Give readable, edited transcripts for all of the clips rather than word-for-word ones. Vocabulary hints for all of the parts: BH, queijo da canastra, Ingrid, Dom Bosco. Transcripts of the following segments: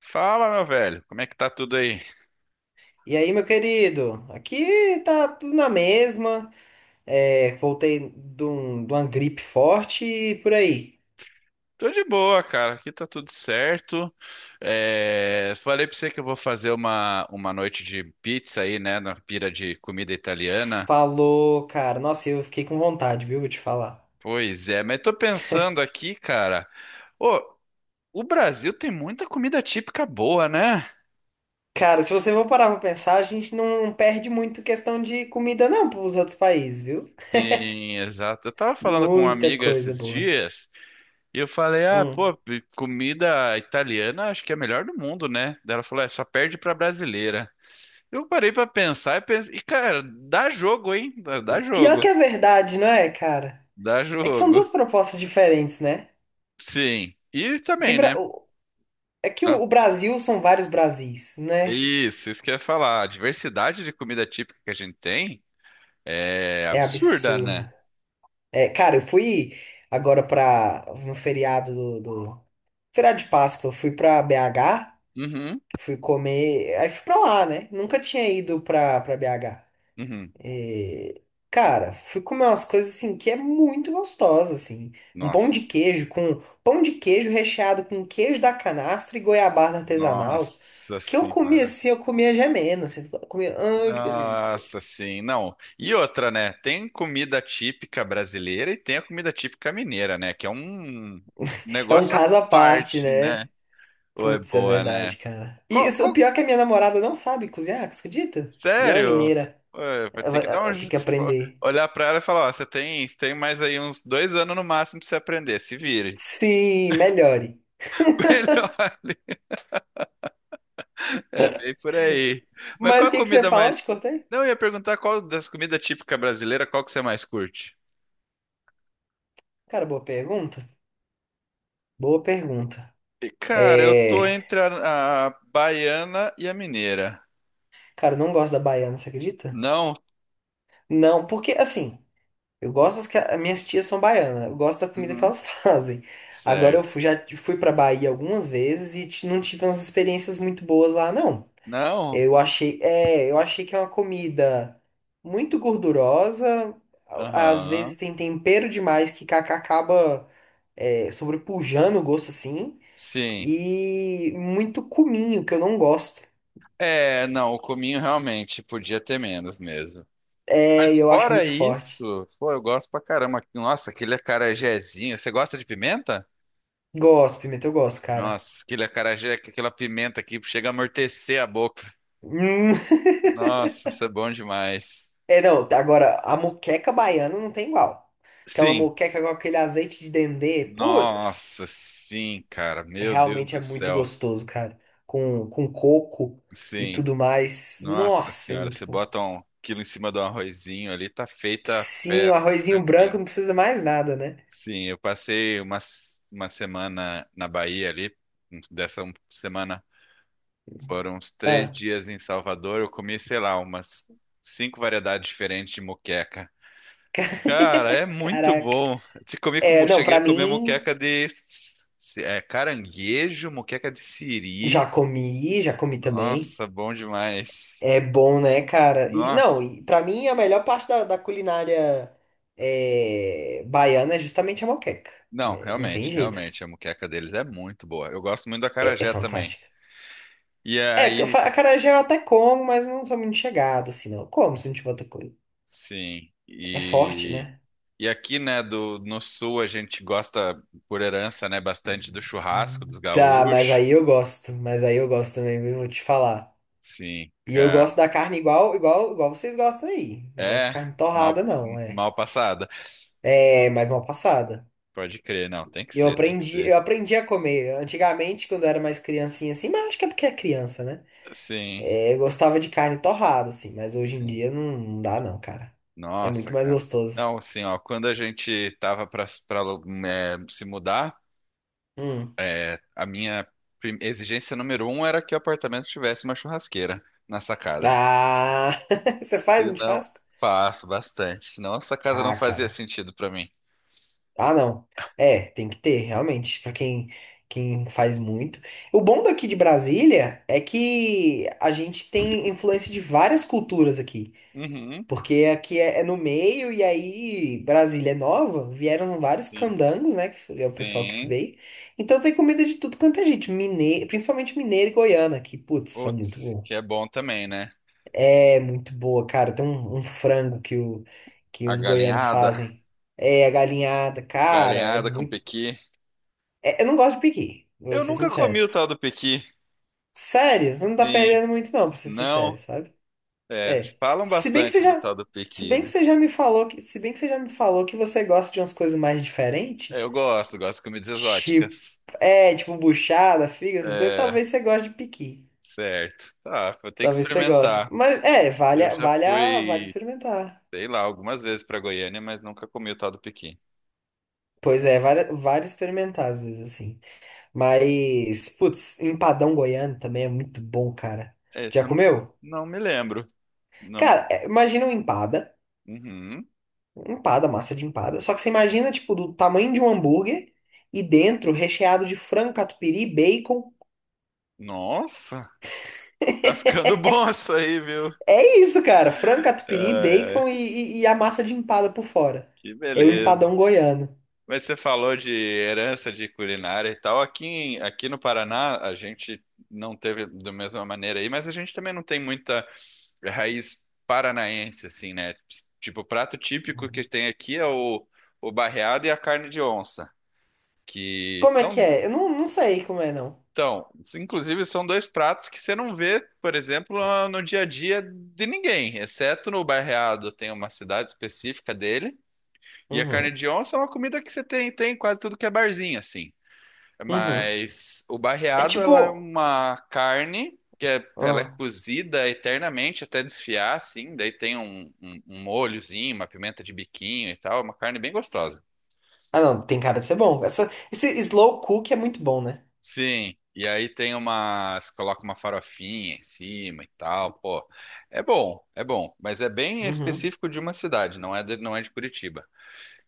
Fala, meu velho, como é que tá tudo aí? E aí, meu querido? Aqui tá tudo na mesma. É, voltei de uma gripe forte e por aí. Tô de boa, cara, aqui tá tudo certo. É, falei pra você que eu vou fazer uma noite de pizza aí, né, na pira de comida italiana. Falou, cara. Nossa, eu fiquei com vontade, viu? Vou te falar. Pois é, mas tô pensando aqui, cara. Ô, o Brasil tem muita comida típica boa, né? Cara, se você for parar pra pensar, a gente não perde muito questão de comida, não, pros outros países, viu? Sim, exato. Eu tava falando com uma Muita amiga coisa esses boa. dias e eu falei: ah, Hum. pô, comida italiana acho que é a melhor do mundo, né? Daí ela falou: é, só perde pra brasileira. Eu parei pra pensar e pensei, e cara, dá jogo, hein? Dá Pior que jogo, a verdade, não é, cara? dá É que são duas jogo. propostas diferentes, né? Sim. E Que também, né? Bra- o- É que Ah, o Brasil são vários Brasis, né? isso que eu ia falar. A diversidade de comida típica que a gente tem é É absurda, absurdo. né? É, cara, eu fui agora pra. No feriado feriado de Páscoa, eu fui pra BH, Uhum, fui comer, aí fui pra lá, né? Nunca tinha ido pra BH. uhum. E, cara, fui comer umas coisas assim que é muito gostosa, assim. Um pão de Nossa. queijo com pão de queijo recheado com queijo da canastra e goiabada artesanal. Nossa Que eu comia senhora. assim, eu comia gemendo, assim, eu comia, ai, que delícia. Nossa sim, não. E outra, né? Tem comida típica brasileira e tem a comida típica mineira, né? Que é um É um negócio à caso à parte, parte, né? né? Ou é Putz, é boa, né? verdade, cara. E Qual, o pior é que a minha namorada não sabe cozinhar, você acredita? E ela é sério? mineira. Ué, vai Ela, ter que vai- dar ela tem que aprender. olhar pra ela e falar, ó, você tem mais aí uns 2 anos no máximo pra você aprender, se vire. Sim, melhore. Melhor. É bem por aí. Mas qual Mas o a que que você ia comida falar? Eu te mais? cortei? Não, eu ia perguntar qual das comidas típicas brasileiras, qual que você mais curte? Cara, boa pergunta. Boa pergunta. E, cara, eu tô É. entre a baiana e a mineira. Cara, eu não gosto da baiana, você acredita? Não? Não, porque assim, eu gosto das que as minhas tias são baianas. Eu gosto da comida que Uhum. elas fazem. Agora eu Certo. fui- já fui pra Bahia algumas vezes e não tive umas experiências muito boas lá, não. Não? Eu achei que é uma comida muito gordurosa, às Aham. vezes tem tempero demais que acaba sobrepujando o gosto assim, Sim. e muito cominho, que eu não gosto. É, não, o cominho realmente podia ter menos mesmo. É, Mas eu acho fora muito forte. isso, pô, eu gosto pra caramba. Nossa, aquele acarajézinho. Você gosta de pimenta? Gosto, pimenta, eu gosto, cara. Nossa, aquele acarajé, aquela pimenta que chega a amortecer a boca. Hum, Nossa, isso é bom demais. É, não, agora, a moqueca baiana não tem igual. Aquela Sim. moqueca com aquele azeite de dendê, Nossa, putz. sim, cara. Meu Deus Realmente é do muito céu. gostoso, cara. Com coco e Sim. tudo mais. Nossa Nossa, é senhora, muito você bom. bota um quilo em cima do arrozinho ali, tá feita a Sim, o festa, arrozinho branco tranquilo. não precisa mais nada, né? Sim, eu passei uma semana na Bahia ali, dessa semana. Foram uns três Ah, dias em Salvador. Eu comi, sei lá, umas cinco variedades diferentes de moqueca. Cara, é muito caraca. bom. Te comi É, como não, cheguei pra a comer mim, moqueca de caranguejo, moqueca de siri. Já comi também. Nossa, bom demais. É bom, né, cara? E não, Nossa. e pra mim a melhor parte da culinária baiana é justamente a moqueca, Não, né? Não realmente, tem jeito. realmente, a moqueca deles é muito boa. Eu gosto muito da É acarajé também. fantástica. E É, eu aí, fa- acarajé eu até como, mas não sou muito chegado, assim, não. Como se não tiver outra coisa. sim. É forte, E né? E aqui, né, no sul a gente gosta, por herança, né, bastante do churrasco dos Tá, mas gaúchos. aí eu gosto. Mas aí eu gosto também, viu? Vou te falar. Sim, E eu cara. gosto da carne igual vocês gostam aí. Não gosto de É, carne torrada, mal, não, é. mal passada. É, mais mal passada. Pode crer, não, tem que Eu ser, tem que aprendi, ser. eu aprendi a comer. Antigamente, quando eu era mais criancinha, assim, mas acho que é porque é criança, né? Sim, É, eu gostava de carne torrada, assim, mas hoje em sim. dia não, não dá, não, cara. É Nossa, muito mais cara. gostoso. Não, assim, ó, quando a gente tava pra se mudar, Hum. A minha exigência número um era que o apartamento tivesse uma churrasqueira na sacada. Ah! Você faz Se um não, churrasco? faço bastante. Senão essa casa não Ah, fazia cara. sentido pra mim. Ah, não. É, tem que ter, realmente, pra quem faz muito. O bom daqui de Brasília é que a gente tem influência de várias culturas aqui, Uhum. porque aqui é no meio e aí Brasília é nova, vieram vários Sim, candangos, né, é o pessoal que sim. veio. Então tem comida de tudo quanto é gente, mineiro, principalmente mineiro e goiana, que putz, são muito Putz, bom. que é bom também, né? É muito boa, cara. Tem um frango que A os goianos galinhada, fazem. É, a galinhada, cara, é galinhada com muito. pequi. Eu não gosto de pequi, vou Eu ser nunca sincero. comi o tal do pequi. Sério, você não tá Sim, perdendo muito, não, pra ser sincero, não. sabe? É, É. falam Se bem que você bastante do já. tal do Se pequi, bem que né? você já me falou que. Se bem que você já me falou que você gosta de umas coisas mais diferentes. Eu gosto de comidas Tipo. exóticas. É, tipo buchada, figa, essas coisas. É, Talvez você goste de pequi. certo. Tá, vou ter que Talvez você goste. experimentar. Mas é, vale, Eu a- já vale, a- vale fui, experimentar. sei lá, algumas vezes pra Goiânia, mas nunca comi o tal do pequi. Pois é, vale experimentar, às vezes, assim. Mas, putz, empadão goiano também é muito bom, cara. Esse Já eu não, comeu? não me lembro. Não. Cara, imagina um empada. Uhum. Empada, massa de empada. Só que você imagina, tipo, do tamanho de um hambúrguer e dentro recheado de frango, catupiry, bacon. Nossa, tá ficando bom isso aí, viu? É isso, cara. Frango, Ai, catupiry, ai, bacon e a massa de empada por fora. que É o beleza. empadão goiano. Mas você falou de herança de culinária e tal. Aqui, aqui no Paraná, a gente não teve da mesma maneira aí, mas a gente também não tem muita raiz paranaense, assim, né? Tipo, o prato típico que tem aqui é o barreado e a carne de onça, que Como é que são, é? Eu não sei como é, não. então, inclusive são dois pratos que você não vê, por exemplo, no dia a dia de ninguém, exceto no barreado, tem uma cidade específica dele. E a carne Uhum. de onça é uma comida que você tem em quase tudo que é barzinho, assim. Uhum. Mas o É barreado, tipo. ela é uma carne ela é Ah. cozida eternamente até desfiar, assim. Daí tem um molhozinho, uma pimenta de biquinho e tal. É uma carne bem gostosa. Ah, não, tem cara de ser bom. Essa, esse slow cook é muito bom, né? Sim. E aí coloca uma farofinha em cima e tal. Pô, é bom, é bom. Mas é bem Uhum. específico de uma cidade, não é de Curitiba.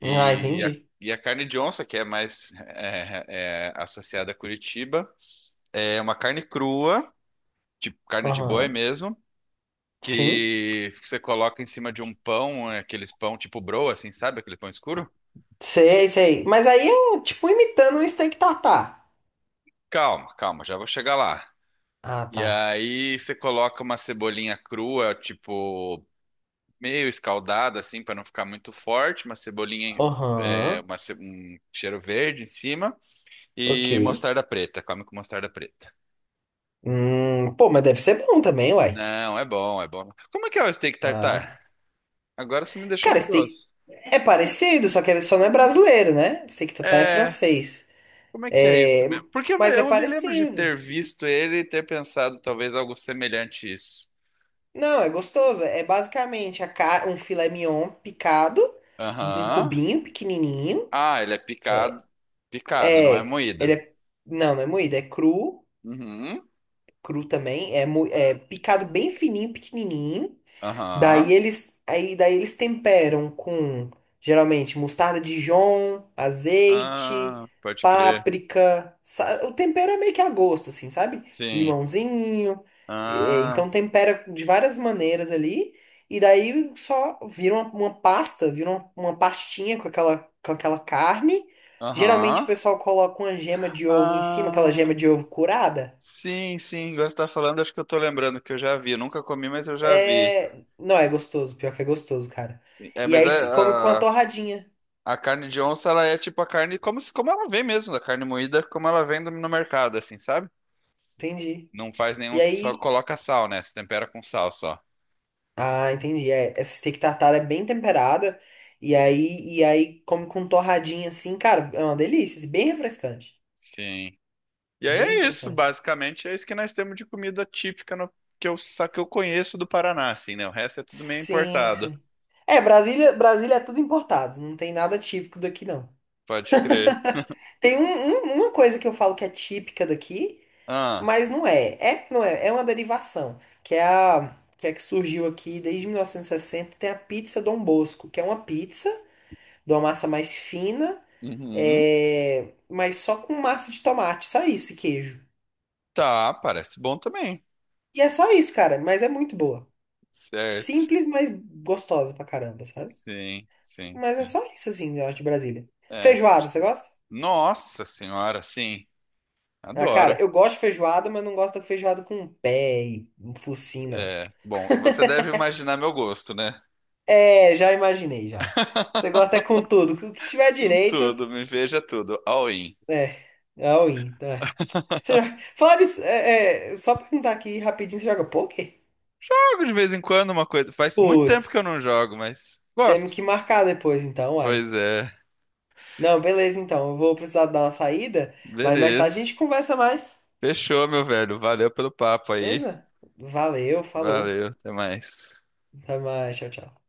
Ah, E a, entendi. e a carne de onça, que é mais associada a Curitiba, é uma carne crua, tipo carne de boi Aham. mesmo, Sim. que você coloca em cima de um pão, aqueles pão tipo broa, assim, sabe? Aquele pão escuro? Sei, sei. Mas aí é tipo imitando um steak tartar. Calma, calma, já vou chegar lá. Ah, E tá. aí você coloca uma cebolinha crua, tipo meio escaldada, assim, para não ficar muito forte, uma cebolinha, Aham. Um cheiro verde em cima Ok. e mostarda preta, come com mostarda preta. Pô, mas deve ser bom também, uai. Não, é bom, é bom. Como é que é o steak Ah. tartar? Agora você me deixou Cara, steak curioso. é parecido, só que só não é brasileiro, né? Steak tartar é É, francês. como é que é isso É, mesmo? Porque eu me, mas é eu me lembro de parecido. ter visto ele e ter pensado talvez algo semelhante a isso. Não, é gostoso. É basicamente um filé mignon picado em Aham. cubinho pequenininho. Ah, ele é picado. Picado, não é É, ele moída. é. Não, não é moído, é cru, Uhum. cru também. É, é picado bem fininho, pequenininho. Aham. Daí eles temperam com geralmente mostarda Dijon, azeite, Ah, pode crer. páprica. O tempero é meio que a gosto, assim, sabe? Sim. Limãozinho. é, Ah, então tempera de várias maneiras ali. E daí só vira uma pasta, vira uma pastinha com aquela carne. Geralmente o aham. pessoal coloca uma gema de ovo em cima, aquela gema Ah, de ovo curada. sim, sim. Agora você tá falando, acho que eu tô lembrando que eu já vi. Eu nunca comi, mas eu já vi. É. Não, é gostoso, pior que é gostoso, cara. É, E mas aí é. se come com a torradinha. A carne de onça, ela é tipo a carne como, se- como ela vem mesmo, da carne moída, como ela vem no mercado, assim, sabe? Entendi. Não faz E nenhum, só aí. coloca sal, né? Se tempera com sal só. Ah, entendi. É, essa steak tartar é bem temperada. E aí come com torradinha assim, cara. É uma delícia, assim. Bem refrescante. Sim. E aí Bem é isso, refrescante. basicamente, é isso que nós temos de comida típica que eu conheço do Paraná, assim, né? O resto é tudo meio Sim, importado. sim. É, Brasília é tudo importado. Não tem nada típico daqui, não. Pode crer. Tem uma coisa que eu falo que é típica daqui. Ah, Mas não é. É, não é. É uma derivação, que é que surgiu aqui desde 1960, tem a pizza Dom Bosco, que é uma pizza de uma massa mais fina, uhum, mas só com massa de tomate, só isso e queijo. tá, parece bom também. E é só isso, cara, mas é muito boa. Certo. Simples, mas gostosa pra caramba, sabe? Sim, sim, Mas é sim. só isso, assim, eu acho, de Brasília. É, Feijoada, pode você crer. gosta? Nossa senhora, sim. Ah, Adoro. cara, eu gosto de feijoada, mas não gosto da feijoada com pé e um focinho, não. É, bom, você deve imaginar meu gosto, né? É, já imaginei, já. Você gosta é com tudo. O que tiver Com direito, tudo, me veja tudo, all in. é. É all-in, tá? Você já... Falar disso, só perguntar aqui rapidinho, você joga poker? Jogo de vez em quando uma coisa. Faz muito tempo que eu Putz, não jogo, mas gosto. temos que marcar depois então, Pois uai. é, Não, beleza então. Eu vou precisar dar uma saída, mas mais tarde beleza. a gente conversa mais. Fechou, meu velho. Valeu pelo papo aí. Beleza? Valeu, falou. Valeu, até mais. Até mais, tchau, tchau.